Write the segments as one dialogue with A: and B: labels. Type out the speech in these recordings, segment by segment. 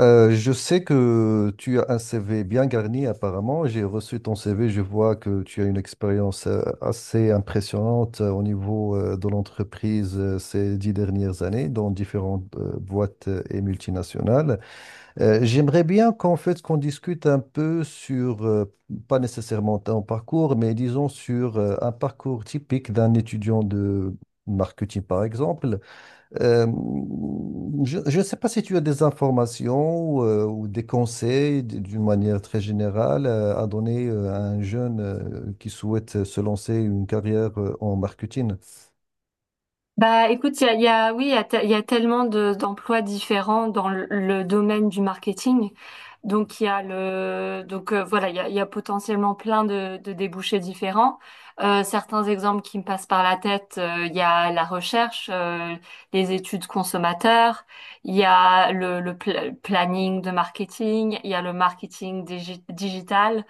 A: Je sais que tu as un CV bien garni apparemment. J'ai reçu ton CV. Je vois que tu as une expérience assez impressionnante au niveau de l'entreprise ces 10 dernières années dans différentes boîtes et multinationales. J'aimerais bien qu'on discute un peu sur pas nécessairement ton parcours, mais disons sur un parcours typique d'un étudiant de marketing par exemple. Euh, je ne sais pas si tu as des informations ou des conseils d'une manière très générale à donner à un jeune qui souhaite se lancer une carrière en marketing.
B: Bah, écoute, oui, il y a tellement d'emplois différents dans le domaine du marketing. Donc, voilà, il y a potentiellement plein de débouchés différents. Certains exemples qui me passent par la tête, il y a la recherche, les études consommateurs, il y a le planning de marketing, il y a le marketing digital.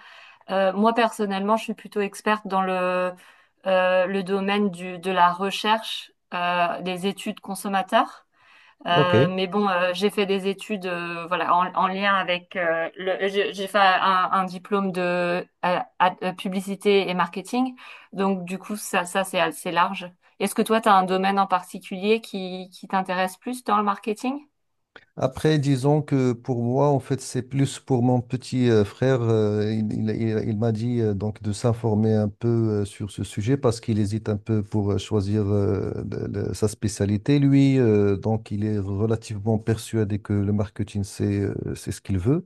B: Moi, personnellement, je suis plutôt experte dans le domaine de la recherche, des études consommateurs.
A: Ok.
B: Mais bon, j'ai fait des études, voilà, en lien avec, j'ai fait un diplôme de publicité et marketing. Donc, du coup, ça c'est assez large. Est-ce que toi, tu as un domaine en particulier qui t'intéresse plus dans le marketing?
A: Après, disons que pour moi, en fait, c'est plus pour mon petit frère. Il m'a dit donc de s'informer un peu sur ce sujet parce qu'il hésite un peu pour choisir sa spécialité. Lui, donc, il est relativement persuadé que le marketing, c'est ce qu'il veut.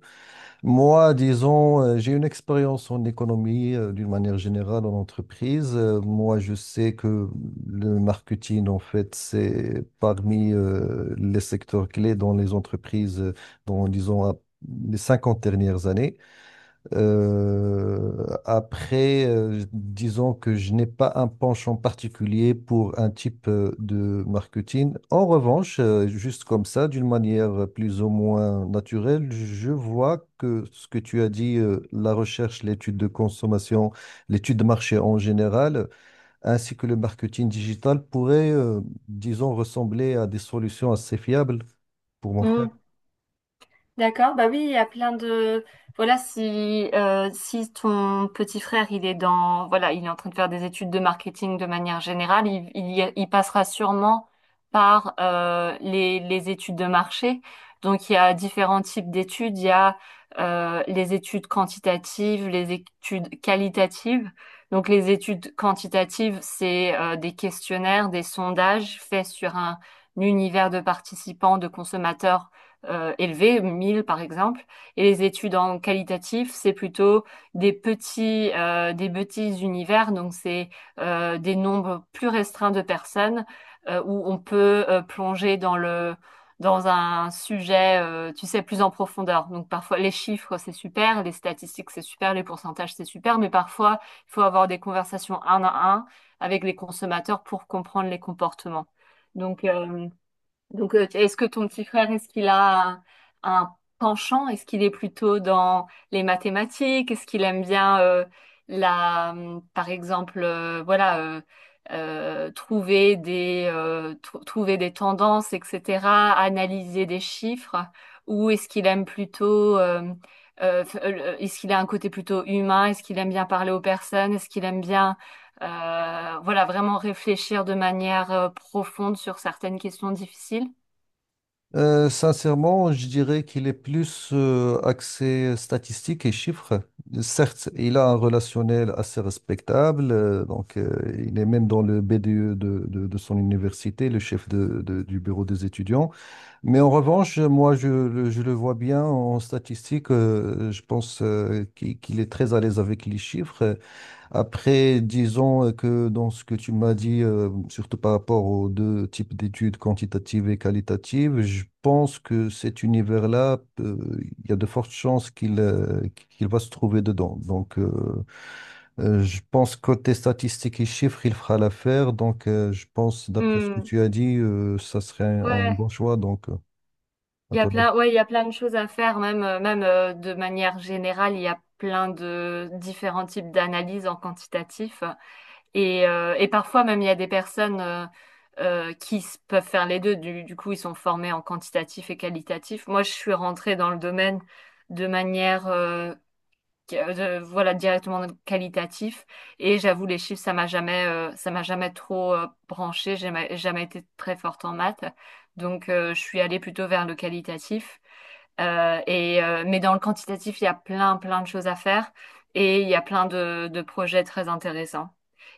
A: Moi, disons, j'ai une expérience en économie d'une manière générale en entreprise. Moi, je sais que le marketing, en fait, c'est parmi les secteurs clés dans les entreprises, dans, disons, à- les 50 dernières années. Euh, Disons que je n'ai pas un penchant particulier pour un type de marketing. En revanche, juste comme ça, d'une manière plus ou moins naturelle, je vois que ce que tu as dit, la recherche, l'étude de consommation, l'étude de marché en général, ainsi que le marketing digital pourraient ressembler à des solutions assez fiables pour mon frère.
B: D'accord, bah oui, il y a plein de, voilà, si ton petit frère, il est dans, voilà, il est en train de faire des études de marketing de manière générale, il passera sûrement par les études de marché. Donc, il y a différents types d'études. Il y a les études quantitatives, les études qualitatives. Donc, les études quantitatives, c'est des questionnaires, des sondages faits sur un univers de participants, de consommateurs, élevés, 1000 par exemple. Et les études en qualitatif, c'est plutôt des petits univers, donc c'est des nombres plus restreints de personnes, où on peut plonger dans un sujet, tu sais, plus en profondeur. Donc parfois les chiffres, c'est super, les statistiques, c'est super, les pourcentages, c'est super, mais parfois il faut avoir des conversations un à un avec les consommateurs pour comprendre les comportements. Donc, euh, donc, est-ce que ton petit frère, est-ce qu'il a un penchant? Est-ce qu'il est plutôt dans les mathématiques? Est-ce qu'il aime bien, par exemple, trouver des tendances, etc., analyser des chiffres? Ou est-ce qu'il aime plutôt, est-ce qu'il a un côté plutôt humain? Est-ce qu'il aime bien parler aux personnes? Est-ce qu'il aime bien, voilà, vraiment réfléchir de manière, profonde sur certaines questions difficiles?
A: Sincèrement, je dirais qu'il est plus axé statistiques et chiffres. Certes, il a un relationnel assez respectable, il est même dans le BDE de son université, le chef du bureau des étudiants. Mais en revanche, moi, je le vois bien en statistiques. Je pense qu'il est très à l'aise avec les chiffres. Après, disons que dans ce que tu m'as dit, surtout par rapport aux deux types d'études, quantitatives et qualitatives, je pense que cet univers-là, il y a de fortes chances qu'il va se trouver dedans. Je pense côté statistiques et chiffres, il fera l'affaire. Donc, je pense, d'après ce que
B: Hmm.
A: tu as dit, ça serait un
B: Ouais,
A: bon choix. À
B: il y a
A: ton avis.
B: plein, ouais, il y a plein de choses à faire, même, de manière générale, il y a plein de différents types d'analyses en quantitatif. Et parfois même, il y a des personnes, peuvent faire les deux. Du coup, ils sont formés en quantitatif et qualitatif. Moi, je suis rentrée dans le domaine de manière, voilà, directement qualitatif. Et j'avoue, les chiffres, ça m'a jamais trop, branché. Jamais été très forte en maths, donc, je suis allée plutôt vers le qualitatif. Mais dans le quantitatif, il y a plein plein de choses à faire, et il y a plein de projets très intéressants.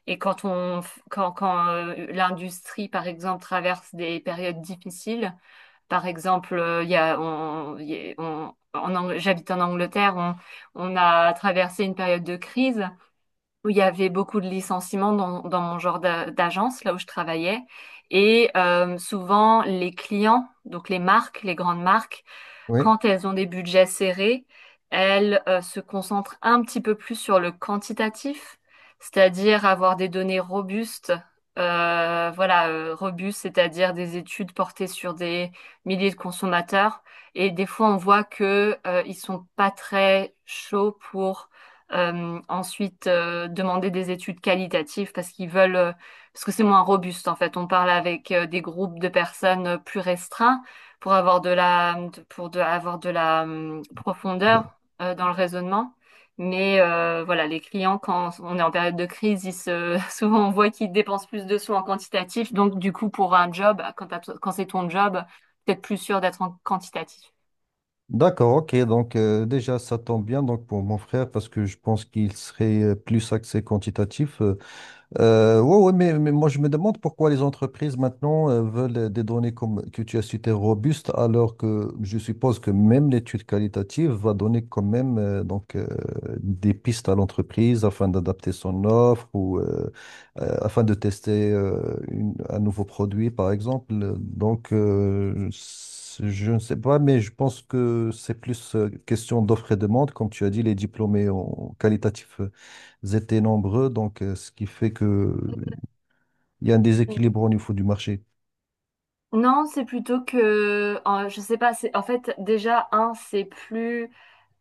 B: Et quand l'industrie par exemple traverse des périodes difficiles, par exemple, il y a, on, il y a- on- en Ang- j'habite en Angleterre, on a traversé une période de crise où il y avait beaucoup de licenciements dans mon genre d'agence, là où je travaillais. Souvent, les clients, donc les marques, les grandes marques,
A: Oui.
B: quand elles ont des budgets serrés, elles, se concentrent un petit peu plus sur le quantitatif, c'est-à-dire avoir des données robustes. Voilà, robustes, c'est-à-dire des études portées sur des milliers de consommateurs. Et des fois, on voit que, ils sont pas très chauds pour, ensuite, demander des études qualitatives parce qu'ils veulent, parce que c'est moins robuste en fait. On parle avec, des groupes de personnes, plus restreints, pour avoir de la, pour de, avoir de la, profondeur,
A: Bah,
B: dans le raisonnement. Voilà, les clients, quand on est en période de crise, souvent on voit qu'ils dépensent plus de sous en quantitatif. Donc du coup, pour un job, quand c'est ton job, peut-être plus sûr d'être en quantitatif.
A: d'accord, ok. Donc déjà, ça tombe bien donc pour mon frère parce que je pense qu'il serait plus axé quantitatif. Mais moi je me demande pourquoi les entreprises maintenant veulent des données comme que tu as citées robustes, alors que je suppose que même l'étude qualitative va donner quand même des pistes à l'entreprise afin d'adapter son offre ou afin de tester un nouveau produit par exemple. Je ne sais pas, mais je pense que c'est plus question d'offre et demande, comme tu as dit, les diplômés en qualitatif étaient nombreux, donc ce qui fait que il y a un déséquilibre au niveau du marché.
B: Non, c'est plutôt que, je sais pas, c'est en fait déjà un, c'est plus,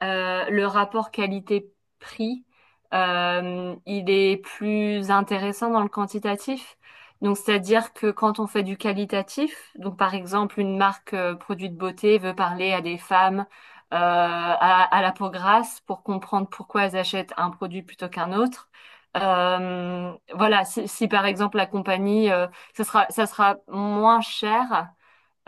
B: le rapport qualité-prix, il est plus intéressant dans le quantitatif. Donc c'est-à-dire que quand on fait du qualitatif, donc par exemple une marque, produit de beauté, veut parler à des femmes, à la peau grasse, pour comprendre pourquoi elles achètent un produit plutôt qu'un autre. Voilà, si par exemple la compagnie, ça sera moins cher,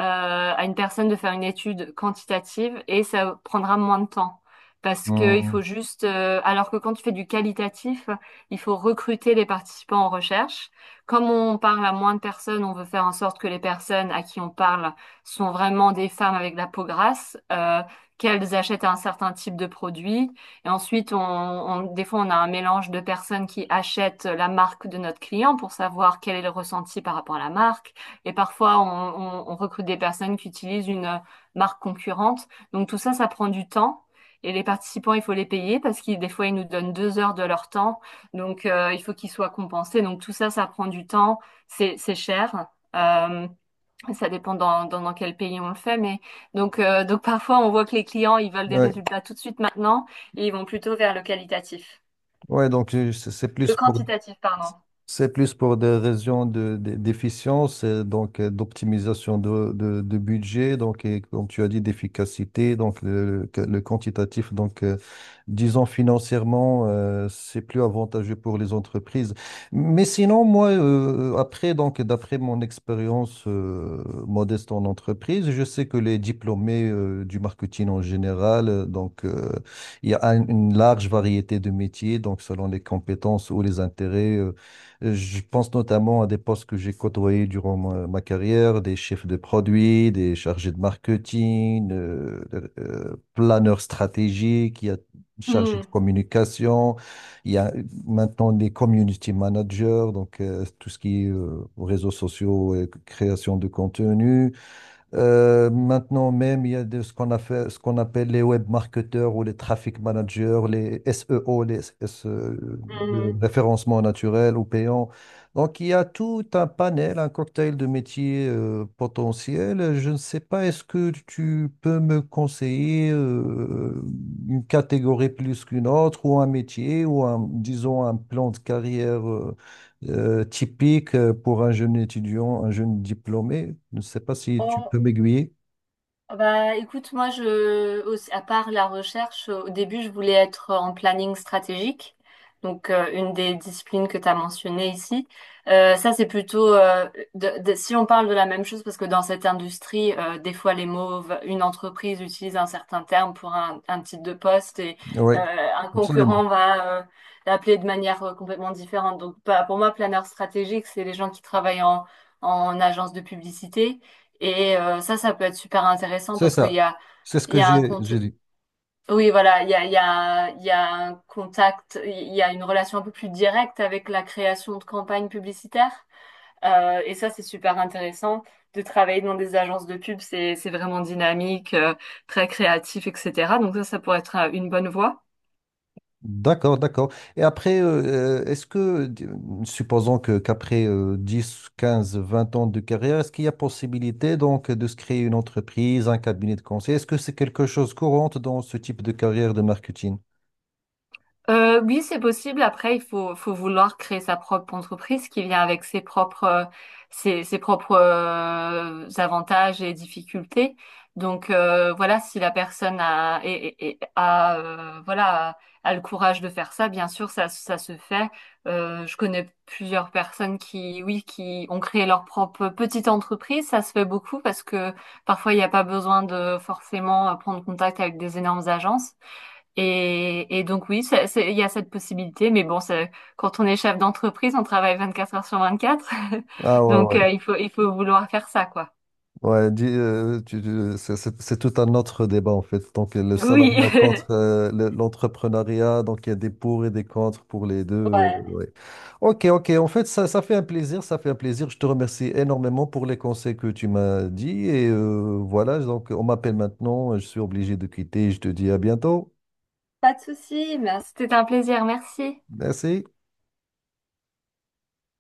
B: à une personne de faire une étude quantitative, et ça prendra moins de temps. Parce que il faut
A: Hmm.
B: juste, alors que quand tu fais du qualitatif, il faut recruter les participants en recherche. Comme on parle à moins de personnes, on veut faire en sorte que les personnes à qui on parle sont vraiment des femmes avec de la peau grasse, qu'elles achètent un certain type de produit. Et ensuite, des fois, on a un mélange de personnes qui achètent la marque de notre client pour savoir quel est le ressenti par rapport à la marque. Et parfois, on recrute des personnes qui utilisent une, marque concurrente. Donc tout ça, ça prend du temps. Et les participants, il faut les payer parce qu'ils, des fois, ils nous donnent 2 heures de leur temps. Il faut qu'ils soient compensés. Donc tout ça, ça prend du temps. C'est cher. Euh, Ça dépend dans quel pays on le fait. Mais donc parfois, on voit que les clients, ils veulent des
A: Ouais,
B: résultats tout de suite maintenant, et ils vont plutôt vers le qualitatif.
A: ouais, donc c'est plus
B: Le
A: pour...
B: quantitatif, pardon.
A: C'est plus pour des raisons d'efficience, d'optimisation de budget, donc et comme tu as dit, d'efficacité, le quantitatif. Donc, disons financièrement, c'est plus avantageux pour les entreprises. Mais sinon, moi, après, donc d'après mon expérience modeste en entreprise, je sais que les diplômés du marketing en général, il y a une large variété de métiers, donc selon les compétences ou les intérêts. Je pense notamment à des postes que j'ai côtoyés durant ma carrière, des chefs de produits, des chargés de marketing, planeurs stratégiques, il y a chargés
B: Hmm.
A: de communication, il y a maintenant des community managers, donc tout ce qui est réseaux sociaux et création de contenu. Maintenant même, il y a de, ce qu'on a fait, ce qu'on appelle les web marketeurs ou les traffic managers, les SEO, les SE, le
B: Hmm.
A: référencement naturel ou payant. Donc, il y a tout un panel, un cocktail de métiers potentiels. Je ne sais pas, est-ce que tu peux me conseiller une catégorie plus qu'une autre ou un métier ou un, disons, un plan de carrière typique pour un jeune étudiant, un jeune diplômé. Je ne sais pas si tu
B: On,
A: peux m'aiguiller.
B: Ah, bah, écoute, moi, à part la recherche, au début, je voulais être en planning stratégique, donc, une des disciplines que tu as mentionnées ici. Ça, c'est plutôt, si on parle de la même chose, parce que dans cette industrie, des fois, les mots, une entreprise utilise un certain terme pour un titre de poste, et,
A: Oui,
B: euh, un concurrent
A: absolument.
B: va, l'appeler de manière, complètement différente. Donc, pas pour moi, planeur stratégique, c'est les gens qui travaillent en agence de publicité, et, ça peut être super intéressant
A: C'est
B: parce qu'
A: ça. C'est ce
B: il
A: que
B: y a un
A: j'ai
B: compte.
A: j'ai dit.
B: Oui, voilà, il y a un contact, il y a une relation un peu plus directe avec la création de campagnes publicitaires. Et ça, c'est super intéressant de travailler dans des agences de pub. C'est vraiment dynamique, très créatif, etc. Donc ça pourrait être, une bonne voie.
A: D'accord, d'accord. Et après, est-ce que, supposons que qu'après 10, 15, 20 ans de carrière, est-ce qu'il y a possibilité donc de se créer une entreprise, un cabinet de conseil? Est-ce que c'est quelque chose courante dans ce type de carrière de marketing?
B: Oui, c'est possible. Après, faut vouloir créer sa propre entreprise qui vient avec ses propres, avantages et difficultés. Voilà, si la personne a, et a, voilà, a le courage de faire ça, bien sûr, ça se fait. Je connais plusieurs personnes qui, oui, qui ont créé leur propre petite entreprise. Ça se fait beaucoup parce que parfois, il n'y a pas besoin de forcément, prendre contact avec des énormes agences. Et donc oui, il y a cette possibilité, mais bon, quand on est chef d'entreprise, on travaille 24 heures sur 24,
A: Ah ouais.
B: il faut vouloir faire ça, quoi.
A: Ouais, dis, c'est tout un autre débat en fait. Donc le
B: Oui,
A: salariat contre l'entrepreneuriat, donc il y a des pour et des contre pour les deux. Ouais. Ok, ok. En fait, ça fait un plaisir, ça fait un plaisir. Je te remercie énormément pour les conseils que tu m'as dit et voilà. Donc on m'appelle maintenant, je suis obligé de quitter. Je te dis à bientôt.
B: Pas de souci, merci. C'était un plaisir, merci.
A: Merci.